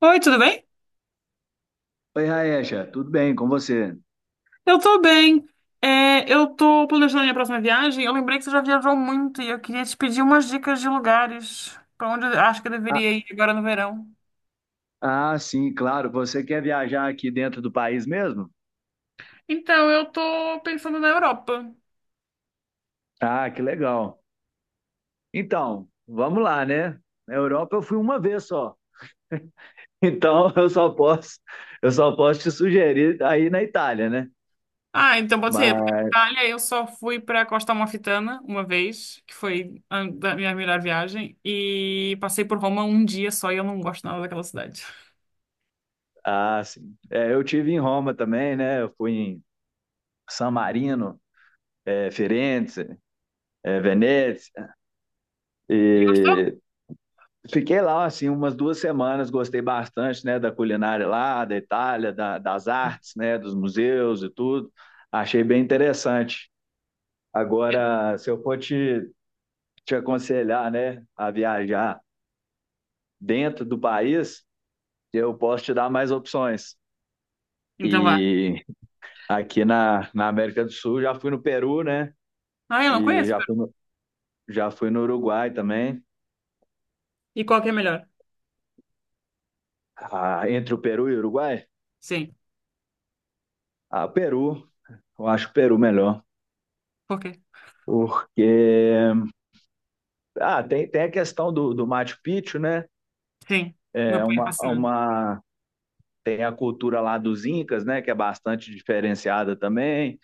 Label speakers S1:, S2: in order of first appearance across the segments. S1: Oi, tudo bem?
S2: Oi, Raecha, tudo bem com você?
S1: Eu tô bem. É, eu tô planejando a minha próxima viagem. Eu lembrei que você já viajou muito e eu queria te pedir umas dicas de lugares pra onde eu acho que eu
S2: Ah,
S1: deveria ir agora no verão.
S2: ah, sim, claro. Você quer viajar aqui dentro do país mesmo?
S1: Então, eu tô pensando na Europa.
S2: Ah, que legal. Então, vamos lá, né? Na Europa eu fui uma vez só. Então, eu só posso te sugerir aí na Itália, né?
S1: Ah, então pode ser. Pra
S2: Mas,
S1: Itália, eu só fui pra Costa Amalfitana uma vez, que foi a da minha melhor viagem, e passei por Roma um dia só e eu não gosto nada daquela cidade.
S2: ah, sim. É, eu tive em Roma também, né? Eu fui em San Marino, Firenze, Veneza.
S1: Gostou?
S2: E Fiquei lá, assim, umas 2 semanas, gostei bastante, né, da culinária lá, da Itália, das artes, né, dos museus e tudo. Achei bem interessante. Agora, se eu for te aconselhar, né, a viajar dentro do país, eu posso te dar mais opções.
S1: Então vá.
S2: E aqui na América do Sul, já fui no Peru, né,
S1: Ah, eu não
S2: e
S1: conheço. Pera.
S2: já fui no Uruguai também.
S1: E qual que é melhor?
S2: Ah, entre o Peru e o Uruguai?
S1: Sim.
S2: Ah, Peru. Eu acho o Peru melhor,
S1: Por quê?
S2: porque tem a questão do Machu Picchu, né?
S1: Sim. Meu
S2: É
S1: pai é
S2: uma,
S1: fascinado.
S2: uma, Tem a cultura lá dos Incas, né? Que é bastante diferenciada também.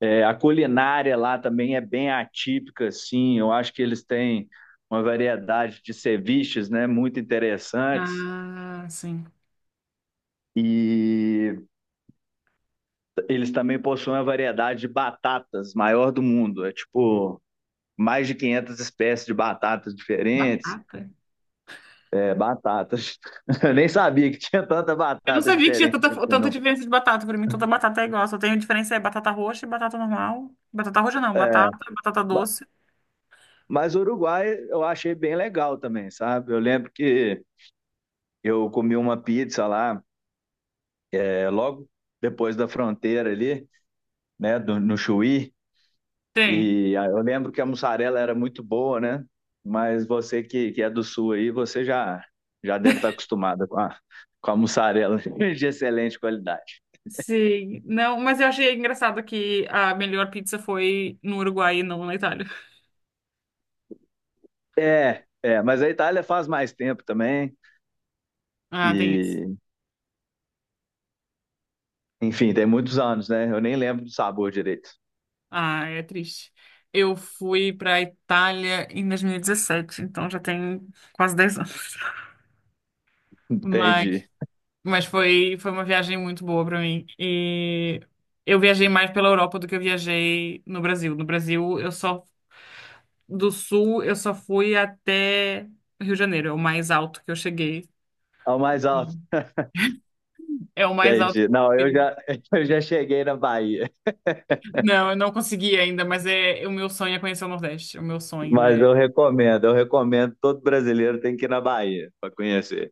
S2: É, a culinária lá também é bem atípica, assim. Eu acho que eles têm uma variedade de ceviches, né? Muito interessantes.
S1: Ah, sim.
S2: E eles também possuem uma variedade de batatas maior do mundo. É tipo mais de 500 espécies de batatas diferentes.
S1: Batata.
S2: É, batatas. Eu nem sabia que tinha tanta
S1: Eu não
S2: batata
S1: sabia que tinha
S2: diferente
S1: tanta,
S2: assim
S1: tanta
S2: não.
S1: diferença de batata. Pra mim, toda batata é igual. Só tem diferença é batata roxa e batata normal. Batata roxa não, batata
S2: Ma-
S1: doce.
S2: Mas o Uruguai eu achei bem legal também, sabe? Eu lembro que eu comi uma pizza lá, logo depois da fronteira ali, né, no Chuí,
S1: Tem.
S2: e eu lembro que a mussarela era muito boa, né? Mas você que é do sul aí, você já deve estar acostumada com a mussarela de excelente qualidade.
S1: Sim. Não, mas eu achei engraçado que a melhor pizza foi no Uruguai e não na Itália.
S2: É, mas a Itália faz mais tempo também,
S1: Ah, tem isso.
S2: e enfim, tem muitos anos, né? Eu nem lembro do sabor direito.
S1: Ah, é triste. Eu fui pra Itália em 2017, então já tem quase 10 anos. Mas
S2: Entendi.
S1: Mas foi uma viagem muito boa pra mim. E eu viajei mais pela Europa do que eu viajei no Brasil. No Brasil, eu só do sul, eu só fui até Rio de Janeiro, é o mais alto que eu cheguei.
S2: Ao mais alto.
S1: É o mais alto
S2: Entendi.
S1: que eu
S2: Não, eu
S1: cheguei.
S2: já, eu já cheguei na Bahia,
S1: Não, eu não consegui ainda, mas é o meu sonho é conhecer o Nordeste. O meu sonho
S2: mas
S1: é,
S2: eu recomendo, todo brasileiro tem que ir na Bahia para conhecer.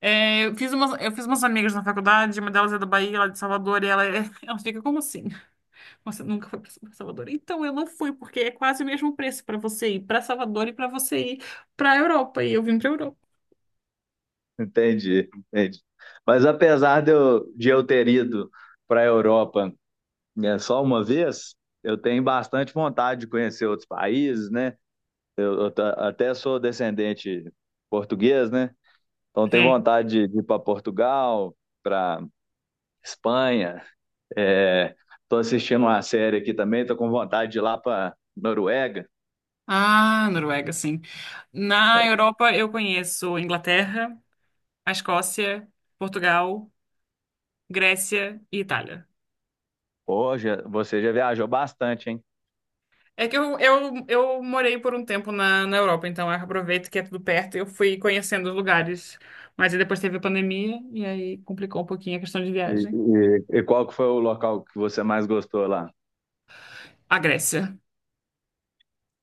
S1: é, eu fiz umas amigas na faculdade, uma delas é da Bahia, ela é de Salvador, e ela, ela fica, como assim? Você nunca foi para Salvador. Então eu não fui, porque é quase o mesmo preço para você ir para Salvador e para você ir para Europa. E eu vim para Europa.
S2: Entendi, entendi. Mas apesar de eu ter ido para a Europa, né, só uma vez, eu tenho bastante vontade de conhecer outros países, né? Eu, até sou descendente português, né? Então tenho
S1: Sim.
S2: vontade de ir para Portugal, para Espanha. Estou é, assistindo uma série aqui também, estou com vontade de ir lá para Noruega.
S1: Ah, Noruega, sim. Na Europa eu conheço Inglaterra, a Escócia, Portugal, Grécia e Itália.
S2: Hoje você já viajou bastante, hein?
S1: É que eu morei por um tempo na Europa, então eu aproveito que é tudo perto e eu fui conhecendo os lugares. Mas aí depois teve a pandemia e aí complicou um pouquinho a questão de
S2: E,
S1: viagem.
S2: e qual que foi o local que você mais gostou lá?
S1: A Grécia.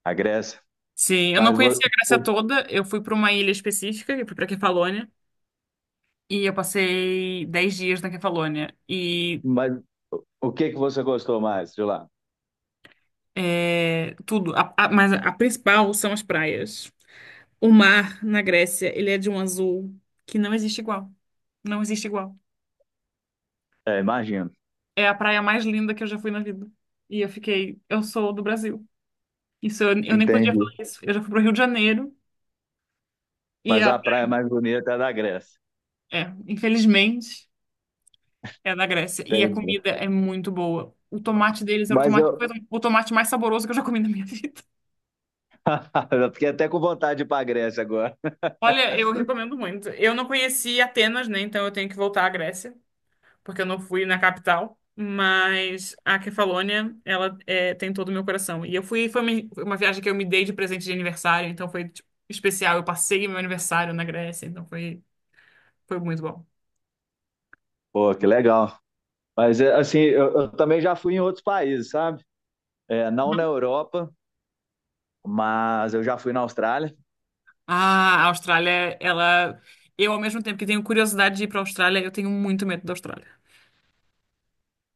S2: A Grécia?
S1: Sim, eu não
S2: Mas, vo-
S1: conhecia a Grécia
S2: o-
S1: toda. Eu fui para uma ilha específica, eu fui para Kefalônia, e eu passei 10 dias na Kefalônia. E
S2: mas o que que você gostou mais de lá?
S1: é, tudo, mas a principal são as praias. O mar na Grécia, ele é de um azul que não existe igual. Não existe igual.
S2: É, imagino.
S1: É a praia mais linda que eu já fui na vida. E eu fiquei, eu sou do Brasil. Isso eu nem podia falar
S2: Entendi.
S1: isso. Eu já fui pro Rio de Janeiro e
S2: Mas a
S1: a,
S2: praia mais bonita é a da Grécia.
S1: é, infelizmente. É da Grécia. E a
S2: Entendi.
S1: comida é muito boa. O tomate deles era o
S2: Mas
S1: tomate,
S2: eu,
S1: foi o tomate mais saboroso que eu já comi na minha vida.
S2: eu fiquei até com vontade de ir para a Grécia agora.
S1: Olha, eu recomendo muito. Eu não conheci Atenas, né? Então eu tenho que voltar à Grécia, porque eu não fui na capital. Mas a Kefalônia, ela é, tem todo o meu coração. E eu fui, foi uma viagem que eu me dei de presente de aniversário, então foi, tipo, especial. Eu passei meu aniversário na Grécia, então foi muito bom.
S2: Pô, que legal. Mas é, assim, eu também já fui em outros países, sabe? É, não na Europa, mas eu já fui na Austrália.
S1: Ah, a Austrália, ela. Eu, ao mesmo tempo que tenho curiosidade de ir pra Austrália, eu tenho muito medo da Austrália.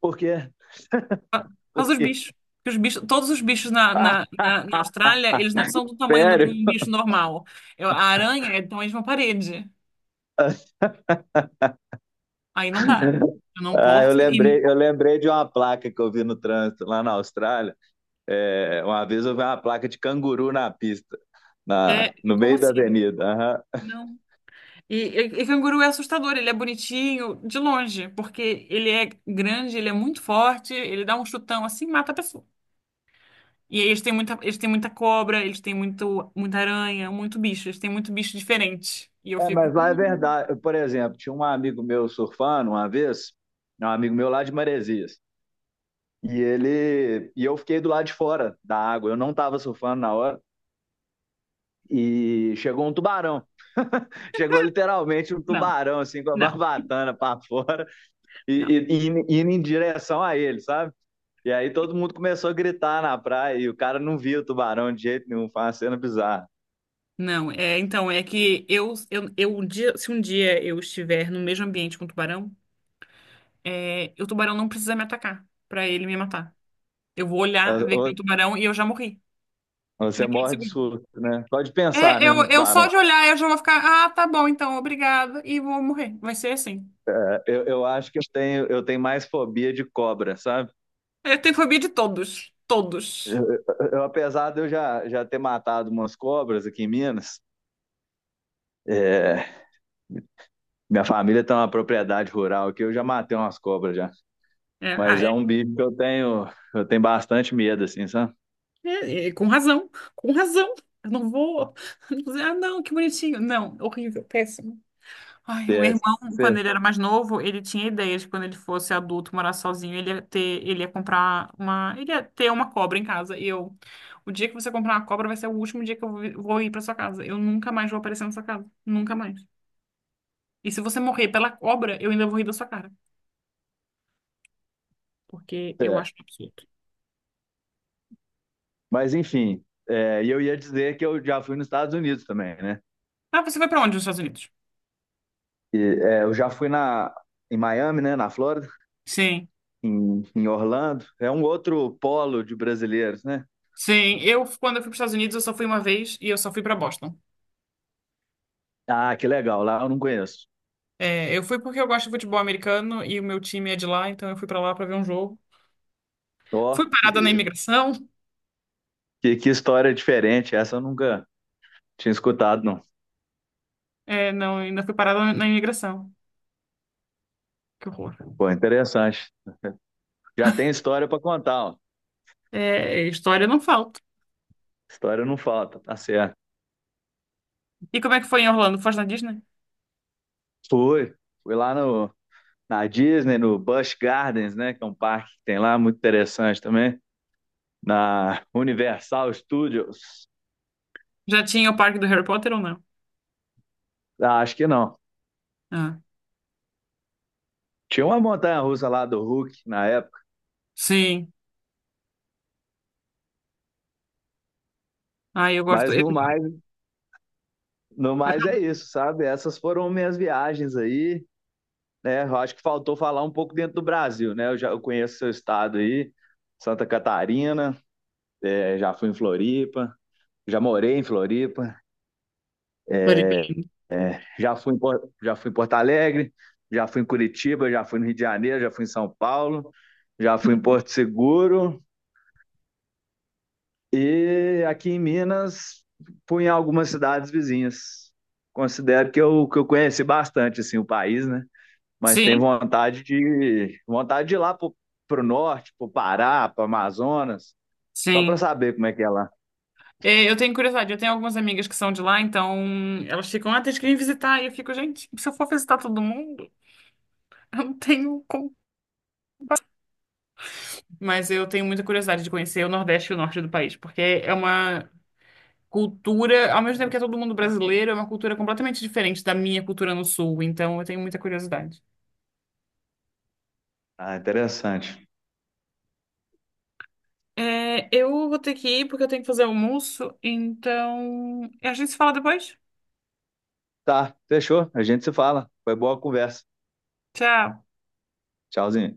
S2: Por quê?
S1: Por causa dos
S2: Porque.
S1: bichos. Porque os bichos, todos os bichos
S2: Ah,
S1: na Austrália, eles não são do tamanho de
S2: sério?
S1: um bicho normal. A aranha é do tamanho de uma parede. Aí não dá. Eu não
S2: Ah,
S1: posso. E,
S2: eu lembrei de uma placa que eu vi no trânsito lá na Austrália. É, uma vez eu vi uma placa de canguru na pista,
S1: é,
S2: no
S1: como
S2: meio da
S1: assim?
S2: avenida. Aham.
S1: Não. E canguru é assustador. Ele é bonitinho de longe, porque ele é grande, ele é muito forte, ele dá um chutão assim e mata a pessoa. E aí eles têm muita cobra, eles têm muito, muita aranha, muito bicho. Eles têm muito bicho diferente. E eu
S2: É,
S1: fico,
S2: mas lá é verdade. Por exemplo, tinha um amigo meu surfando uma vez, um amigo meu lá de Maresias. E ele e eu fiquei do lado de fora da água. Eu não estava surfando na hora. E chegou um tubarão. Chegou literalmente um
S1: Não,
S2: tubarão, assim, com a
S1: não.
S2: barbatana para fora
S1: Não.
S2: e, indo em direção a ele, sabe? E aí todo mundo começou a gritar na praia e o cara não via o tubarão de jeito nenhum, foi uma cena bizarra.
S1: Não, é, então, é que eu um dia, se um dia eu estiver no mesmo ambiente com o tubarão, é, o tubarão não precisa me atacar pra ele me matar. Eu vou olhar, ver que é um tubarão e eu já morri
S2: Você
S1: naquele
S2: morre de
S1: segundo.
S2: susto, né? Pode pensar,
S1: É,
S2: né, no
S1: eu só
S2: tubarão.
S1: de olhar eu já vou ficar, ah, tá bom, então, obrigada, e vou morrer. Vai ser assim.
S2: Eu acho que eu tenho mais fobia de cobra, sabe?
S1: É, eu tenho fobia de todos, todos.
S2: Eu, apesar de eu já ter matado umas cobras aqui em Minas, é, minha família tem uma propriedade rural que eu já matei umas cobras já.
S1: É,
S2: Mas
S1: ah,
S2: é um bicho que eu tenho bastante medo, assim, sabe?
S1: é, com razão, com razão. Eu não vou dizer, ah, não, que bonitinho. Não, horrível, péssimo. Ai, o meu
S2: É,
S1: irmão, quando
S2: cê-
S1: ele era mais novo, ele tinha ideia de que quando ele fosse adulto, morar sozinho, ele ia comprar uma, ele ia ter uma cobra em casa. E eu, o dia que você comprar uma cobra vai ser o último dia que vou ir pra sua casa. Eu nunca mais vou aparecer na sua casa, nunca mais. E se você morrer pela cobra, eu ainda vou rir da sua cara, porque eu
S2: é.
S1: acho um absurdo.
S2: Mas enfim, e eu ia dizer que eu já fui nos Estados Unidos também, né?
S1: Ah, você foi pra onde nos Estados Unidos?
S2: Eu já fui em Miami, né? Na Flórida,
S1: Sim.
S2: em Orlando. É um outro polo de brasileiros, né?
S1: Sim, eu quando eu fui para os Estados Unidos, eu só fui uma vez e eu só fui pra Boston.
S2: Ah, que legal, lá eu não conheço.
S1: É, eu fui porque eu gosto de futebol americano e o meu time é de lá, então eu fui pra lá pra ver um jogo.
S2: Ó,
S1: Fui parada na imigração.
S2: que história diferente, essa eu nunca tinha escutado, não.
S1: É, não, ainda fui parada na imigração. Que horror.
S2: Pô, interessante. Já tem história para contar, ó.
S1: É, história não falta.
S2: História não falta, tá certo.
S1: E como é que foi em Orlando? Foste na Disney?
S2: Fui, fui lá na Disney, no Busch Gardens, né, que é um parque que tem lá, muito interessante também, na Universal Studios.
S1: Já tinha o parque do Harry Potter ou não?
S2: Ah, acho que não.
S1: Ah,
S2: Tinha uma montanha russa lá do Hulk na época,
S1: sim. Ah, eu gosto.
S2: mas
S1: Eu gosto.
S2: no mais é isso, sabe? Essas foram minhas viagens aí, né? Eu acho que faltou falar um pouco dentro do Brasil, né? Eu conheço seu estado aí, Santa Catarina, eh, já fui em Floripa, já morei em Floripa,
S1: Floripa
S2: eh,
S1: é lindo.
S2: Já fui em Porto Alegre, já fui em Curitiba, já fui no Rio de Janeiro, já fui em São Paulo, já fui em Porto Seguro e aqui em Minas fui em algumas cidades vizinhas. Considero que eu conheci bastante assim o país, né? Mas tenho
S1: Sim,
S2: vontade de ir lá pro, pro norte, pro Pará, pro Amazonas, só para
S1: sim.
S2: saber como é que é lá.
S1: É, eu tenho curiosidade, eu tenho algumas amigas que são de lá, então elas ficam, ah, tens que vir visitar. E eu fico, gente, se eu for visitar todo mundo, eu não tenho como. Mas eu tenho muita curiosidade de conhecer o Nordeste e o Norte do país, porque é uma cultura, ao mesmo tempo que é todo mundo brasileiro, é uma cultura completamente diferente da minha cultura no sul, então eu tenho muita curiosidade.
S2: Ah, interessante.
S1: É, eu vou ter que ir porque eu tenho que fazer almoço, então a gente se fala depois.
S2: Tá, fechou. A gente se fala. Foi boa a conversa.
S1: Tchau.
S2: Tchauzinho.